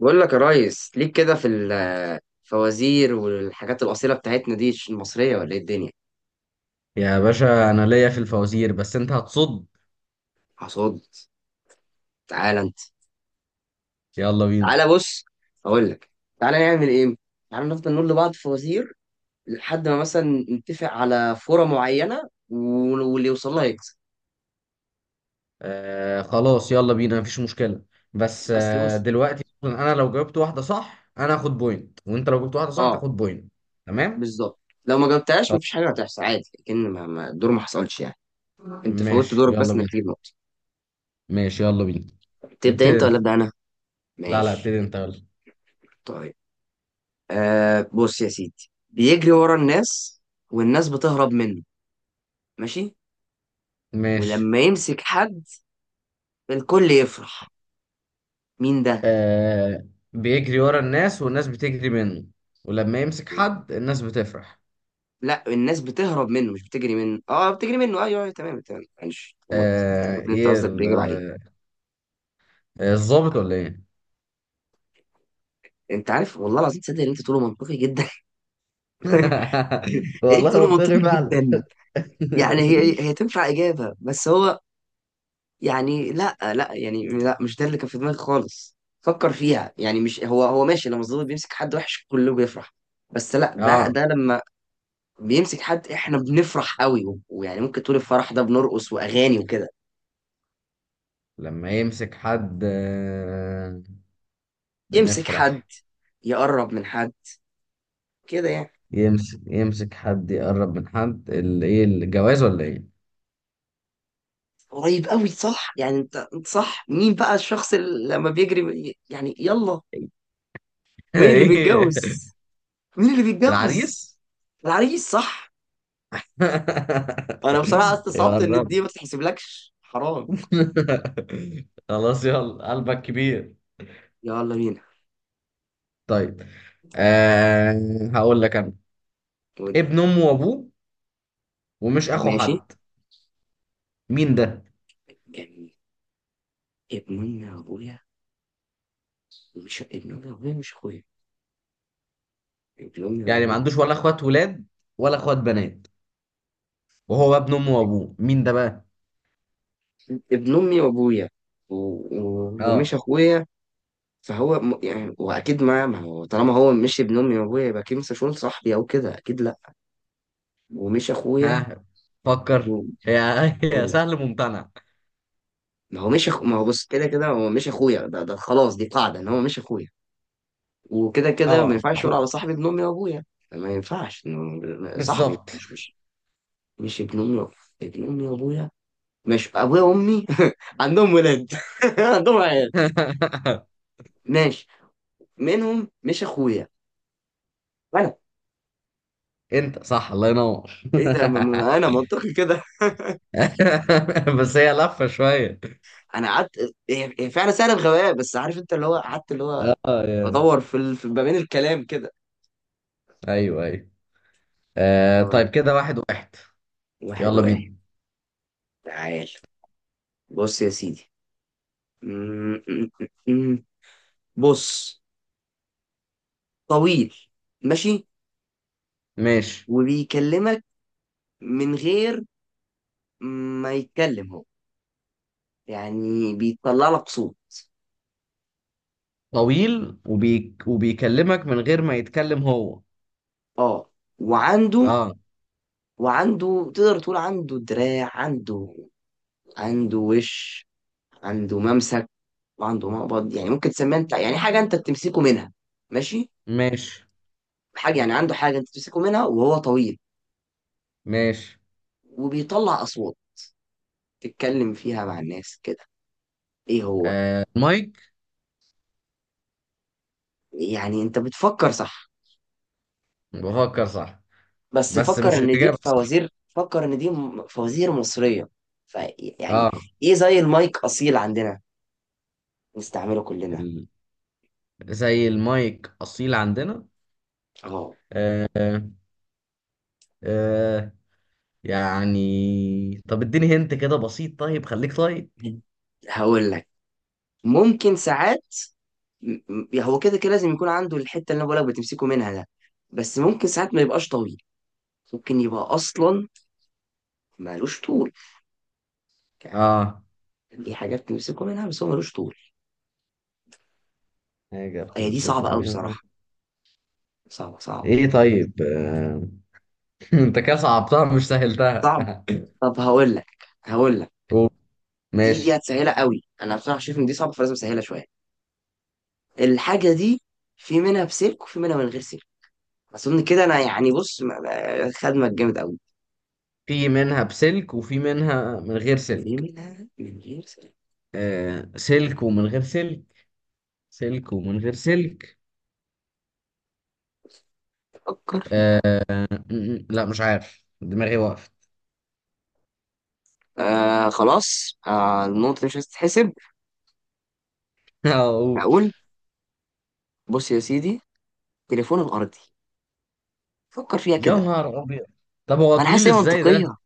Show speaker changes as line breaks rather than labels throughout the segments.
بقول لك يا ريس، ليك كده في الفوازير والحاجات الأصيلة بتاعتنا دي، مش المصرية ولا ايه الدنيا؟
يا باشا انا ليا في الفوازير، بس انت هتصد.
حصاد. تعالى انت.
يلا بينا.
تعالى بص اقول لك. تعالى نعمل ايه. تعالى نفضل نقول لبعض فوازير لحد ما مثلا نتفق على فورة معينة واللي يوصل لها يكسب.
آه خلاص، يلا بينا، مفيش مشكلة. بس
بس
آه
بص،
دلوقتي مثلاً انا لو جاوبت واحدة صح انا هاخد بوينت، وانت لو جبت واحدة صح
اه،
تاخد بوينت. تمام.
بالظبط. لو ما جاوبتهاش
خلاص،
مفيش حاجة هتحصل عادي، لكن الدور ما حصلش يعني. انت فوتت
ماشي،
دورك
يلا
بس انك
بينا.
تجيب نقطة.
ماشي يلا بينا.
تبدأ
ابتدي
انت ولا
انت.
أبدأ انا؟
لا لا،
ماشي.
ابتدي انت يلا.
طيب، آه، بص يا سيدي، بيجري ورا الناس والناس بتهرب منه. ماشي.
ماشي.
ولما يمسك حد الكل يفرح. مين ده؟
آه، بيجري ورا الناس والناس بتجري منه، ولما يمسك حد الناس بتفرح.
لا، الناس بتهرب منه مش بتجري منه، اه بتجري منه، ايوه ايوه، تمام تمام، معلش غلطت.
آه،
شفت انت قصدك، بيجروا عليه.
آه، الظابط ولا ايه؟
انت عارف والله العظيم تصدق ان انت تقوله منطقي جدا؟ انت
والله
تقوله منطقي
منطقي فعلا.
جدا. يعني هي تنفع اجابه، بس هو يعني لا يعني لا، مش ده اللي كان في دماغي خالص. فكر فيها يعني مش هو. ماشي، لما الظابط بيمسك حد وحش كله بيفرح. بس لا، ده
اه،
ده لما بيمسك حد احنا بنفرح قوي ويعني ممكن تقول الفرح ده بنرقص واغاني وكده.
لما يمسك حد آه،
يمسك حد،
بنفرح.
يقرب من حد، كده يعني.
يمسك حد، يقرب من حد، ايه، الجواز ولا ايه؟
قريب قوي، صح يعني، انت صح. مين بقى الشخص اللي لما بيجري يعني، يلا. مين اللي
ايه.
بيتجوز؟ مين اللي بيتجوز؟
العريس.
العريس، صح. انا بصراحة استصعبت ان
يقرب.
دي ما تتحسبلكش، حرام.
خلاص يلا، قلبك كبير.
يلا بينا.
طيب آه، هقول لك انا.
ودي
ابن امه وابوه ومش اخو
ماشي.
حد، مين ده؟
كان ابن امي وابويا، مش ابن امي وابويا، مش اخويا، ابن امي
يعني ما
وابويا.
عندوش ولا اخوات ولاد ولا اخوات بنات، وهو ابن امه وابوه، مين ده بقى؟
ابن امي وابويا ومش
اه.
اخويا. فهو يعني، واكيد ما هو طالما هو مش ابن امي وابويا يبقى اكيد مش هيكون صاحبي او كده، اكيد لا. ومش اخويا.
ها. فكر.
و...
يا يا
بقول لك،
سهل ممتنع.
ما هو مش أخو... ما هو بص، كده كده هو مش اخويا ده، ده خلاص، دي قاعده ان هو مش اخويا. وكده كده ما
اه،
ينفعش
اخوك.
يقول على صاحبي ابن امي وابويا. ما ينفعش إنه صاحبي،
بالظبط.
مش مش ابن امي وأبويا. ابن امي وابويا مش ابويا وامي. عندهم ولاد. عندهم عيال. ماشي، منهم مش اخويا انا.
انت صح، الله ينور.
ايه ده، انا منطقي كده.
بس هي لفة شوية.
انا قعدت، هي فعلا سهله، بغباء بس، عارف انت اللي هو، قعدت اللي هو
اه يعني.
بدور في في ما بين الكلام كده.
ايوه ايوه. آه
طيب،
طيب، كده واحد واحد.
واحد
يلا
واحد.
بينا.
تعال بص يا سيدي. م- م- م- م. بص، طويل، ماشي،
ماشي.
وبيكلمك من غير ما يتكلم هو، يعني بيطلع لك صوت.
طويل وبيكلمك من غير ما يتكلم هو.
اه. وعنده،
اه.
وعنده، تقدر تقول عنده دراع، عنده، عنده وش، عنده ممسك، وعنده مقبض، يعني ممكن تسميها انت يعني حاجه انت بتمسكه منها. ماشي.
ماشي.
حاجه يعني، عنده حاجه انت بتمسكه منها، وهو طويل،
ماشي.
وبيطلع اصوات تتكلم فيها مع الناس كده. ايه هو؟
آه، مايك.
يعني انت بتفكر صح،
بفكر صح؟
بس
بس
فكر
مش
ان دي
الإجابة صح.
فوازير، فكر ان دي فوازير مصريه. فيعني
اه،
ايه زي المايك اصيل عندنا، نستعمله كلنا.
زي المايك اصيل عندنا.
اه.
آه. آه. يعني طب اديني، هنت كده بسيط، طيب خليك طيب.
هقول لك، ممكن ساعات، هو كده كده لازم يكون عنده الحته اللي انا بقولك بتمسكه منها ده، بس ممكن ساعات ما يبقاش طويل. ممكن يبقى اصلا مالوش طول، يعني،
اه،
دي حاجات تمسكه منها بس هو مالوش طول.
حاجة
هي دي صعبه
بتمسكهم
قوي
هنا.
بصراحه، صعبه صعبه
ايه طيب آه. انت كده صعبتها مش سهلتها.
صعب. طب هقول لك، هقول لك،
قول.
دي
ماشي.
هتسهلها قوي، انا بصراحه شايف ان دي صعبه فلازم اسهلها شويه. الحاجه دي، في منها بسلك وفي منها من غير سلك، اظن كده انا يعني. بص، خدمك جامد قوي.
في منها بسلك وفي منها من غير
في
سلك.
منها من غير سلك.
آه، سلك ومن غير سلك. سلك ومن غير سلك.
فكر فيها.
لا، مش عارف، دماغي وقفت.
آه خلاص، آه، النقطة دي مش هتتحسب.
اقول.
هقول. بص يا سيدي، تليفون الأرضي. فكر فيها
يا
كده.
نهار ابيض. طب هو
أنا حاسس
طويل
هي
ازاي ده؟
منطقية.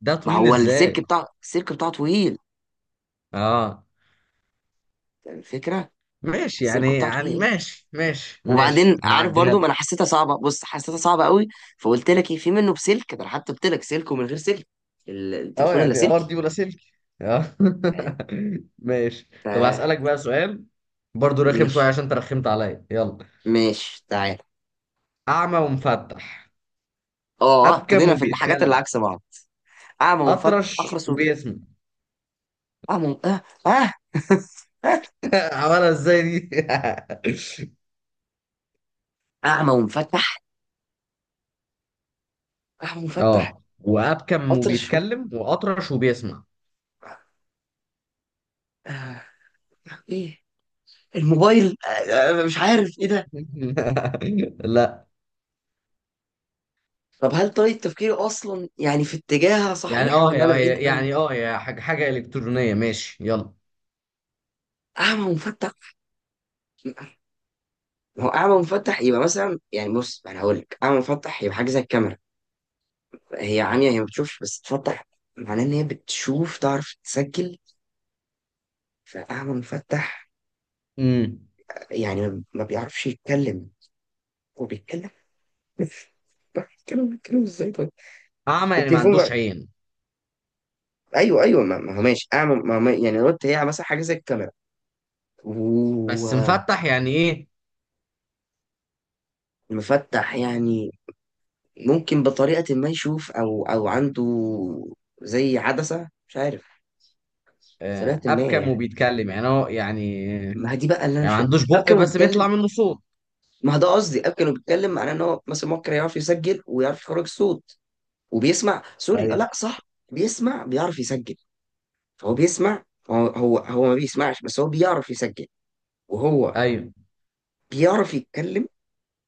ده
ما
طويل
هو السلك،
ازاي؟
بتاع السلك بتاعه طويل،
اه
يعني الفكرة
ماشي،
السلك
يعني
بتاعه
يعني
طويل.
ماشي ماشي ماشي،
وبعدين عارف
هعديها
برضو،
لك.
ما أنا حسيتها صعبة، بص حسيتها صعبة قوي، فقلت لك إيه، في منه بسلك، ده أنا حتى قلت لك سلك ومن غير سلك،
اه
التليفون
يعني
اللاسلكي.
ارضي ولا سلك. اه.
فاهم؟
ماشي،
ف،
طب هسألك بقى سؤال برضو رخم شوية
ماشي،
عشان انت رخمت عليا. يلا.
ماشي. تعال،
اعمى ومفتح.
اه، آه،
ابكم
ابتدينا في الحاجات اللي
وبيتكلم.
عكس بعض. أعمى ومفتح،
اطرش وبيسمع.
آه، آه.
عملها ازاي دي؟
أعمى ومفتح، آه، مفتح.
اه، وابكم
قطر الشوب،
وبيتكلم واطرش وبيسمع.
آه، ايه، الموبايل، آه، آه، مش عارف ايه ده.
لا
طب هل طريقة تفكيري اصلا يعني في اتجاهها
يعني
صحيح
اه،
ولا انا بعيد قوي؟
يعني اه، يا حاجة حاجة إلكترونية. ماشي يلا.
اعمى مفتح، ما هو اعمى مفتح يبقى مثلا يعني، بص انا هقول لك، اعمى مفتح يبقى حاجه زي الكاميرا. هي عمية، هي ما بتشوفش، بس تفتح معناه ان هي بتشوف، تعرف تسجل. فاعمى مفتح
امم
يعني ما بيعرفش يتكلم، هو بيتكلم. بيتكلم، بيتكلم ازاي طيب؟
اعمى يعني ما
التليفون.
عندوش عين.
ايوه ايوه، ما هو ماشي اعمل، ما هو، يعني رد، هي مثلا حاجه زي الكاميرا.
بس
ومفتح
مفتح يعني ايه؟
يعني، ممكن بطريقه ما يشوف او عنده زي عدسه، مش عارف،
آه،
بطريقه ما
ابكم
يعني.
وبيتكلم يعني هو يعني،
ما هي دي بقى اللي انا
يعني
مش
ما
فاهم.
عندوش
اب
بق
كانوا
بس
بيتكلم،
بيطلع منه صوت.
ما هو ده قصدي، اب كانوا بيتكلم معناه ان هو مثلا ممكن يعرف يسجل ويعرف يخرج صوت. وبيسمع، سوري، آه، لا
ايوه
صح، بيسمع، بيعرف يسجل، فهو بيسمع. هو ما بيسمعش، بس هو بيعرف يسجل. وهو
ايوه.
بيعرف يتكلم،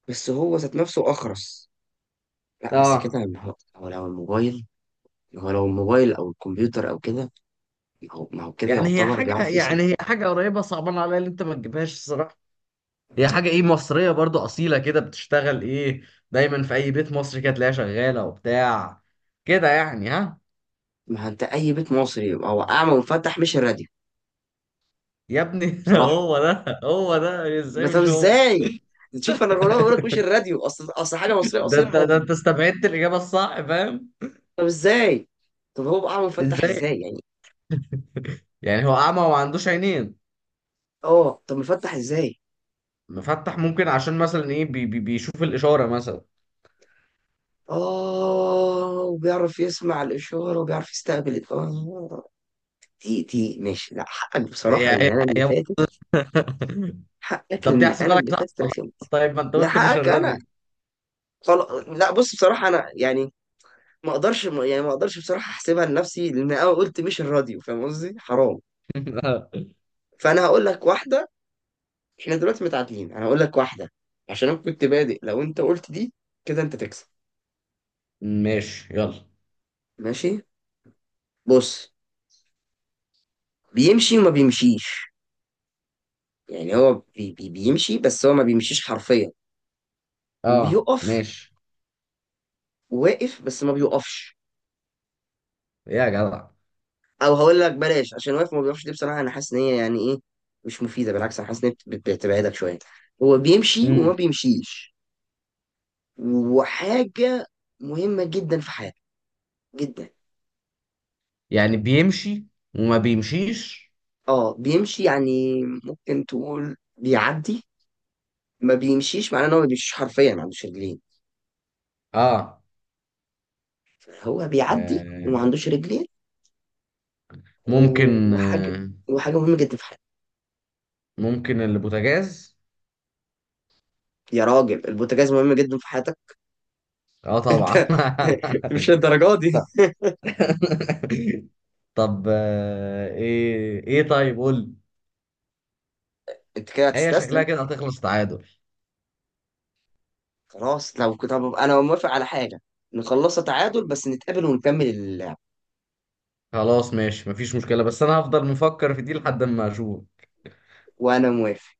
بس هو ذات نفسه اخرس. لا بس
اه
كده، ما هو هو لو الموبايل، هو لو الموبايل او الكمبيوتر او كده، ما هو كده
يعني هي
يعتبر
حاجه،
بيعرف يسمع.
يعني هي حاجه قريبه، صعبان عليا اللي انت ما تجيبهاش الصراحه. هي حاجه ايه مصريه برضو اصيله كده، بتشتغل ايه، دايما في اي بيت مصري كده تلاقيها شغاله وبتاع كده يعني. ها؟
ما هو انت اي بيت مصري يبقى هو اعمى ومفتح، مش الراديو؟
يا ابني
بصراحه.
هو ده، هو ده.
يبقى
ازاي
طب
مش هو؟
ازاي؟ تشوف انا الغلابه بقول لك مش الراديو، اصل حاجه مصريه
ده
اصيل
انت، ده
الراديو.
انت استبعدت الاجابه الصح، فاهم.
طب ازاي؟ طب هو بقى اعمى ومفتح
ازاي؟
ازاي يعني؟
يعني هو اعمى وما عندوش عينين.
اه. طب مفتح ازاي؟
مفتح ممكن عشان مثلا ايه، بي بي بيشوف الاشاره مثلا.
اه، وبيعرف يسمع الاشاره، وبيعرف يستقبل اه. دي ماشي، لا حقك
هي
بصراحه
هي.
ان انا اللي
هي.
فاتت. حقك
طب دي
ان انا
احسبها لك
اللي
صح
فاتت،
والله.
رخمت.
طيب ما انت قلت مش
لحقك انا.
الراديو.
خلاص لا، بص بصراحه انا يعني، ما اقدرش بصراحه احسبها لنفسي لان انا قلت مش الراديو، فاهم قصدي، حرام. فانا هقول لك واحده، احنا دلوقتي متعادلين. انا هقول لك واحده، عشان انا كنت بادئ، لو انت قلت دي كده انت تكسب.
ماشي يلا.
ماشي. بص، بيمشي وما بيمشيش، يعني هو بي بيمشي، بس هو ما بيمشيش حرفيا.
اه
وبيقف،
ماشي.
واقف بس ما بيقفش.
يا جدع.
او هقول لك بلاش، عشان واقف ما بيقفش دي بصراحه انا حاسس ان هي يعني ايه، مش مفيده، بالعكس انا حاسس ان هي بتبعدك شويه. هو بيمشي وما
امم
بيمشيش، وحاجه مهمه جدا في حياتك، جدا.
يعني بيمشي وما بيمشيش.
اه، بيمشي يعني ممكن تقول بيعدي، ما بيمشيش معناه ان هو ما بيمشيش حرفيا، ما عندوش رجلين.
اه.
هو بيعدي
آه.
وما عندوش رجلين.
ممكن
وحاجه،
آه.
وحاجه مهمه جدا في حياتك.
ممكن البوتاجاز.
يا راجل البوتاجاز مهم جدا في حياتك؟
اه طبعا.
انت مش للدرجه دي.
طب آه، ايه ايه، طيب قول لي.
انت كده
هي شكلها
هتستسلم.
كده هتخلص تعادل.
خلاص، لو كنت، طب انا موافق على حاجه، نخلصها تعادل بس نتقابل ونكمل اللعب.
خلاص ماشي، مفيش مشكلة، بس أنا هفضل مفكر في دي لحد ما أشوف.
وانا موافق.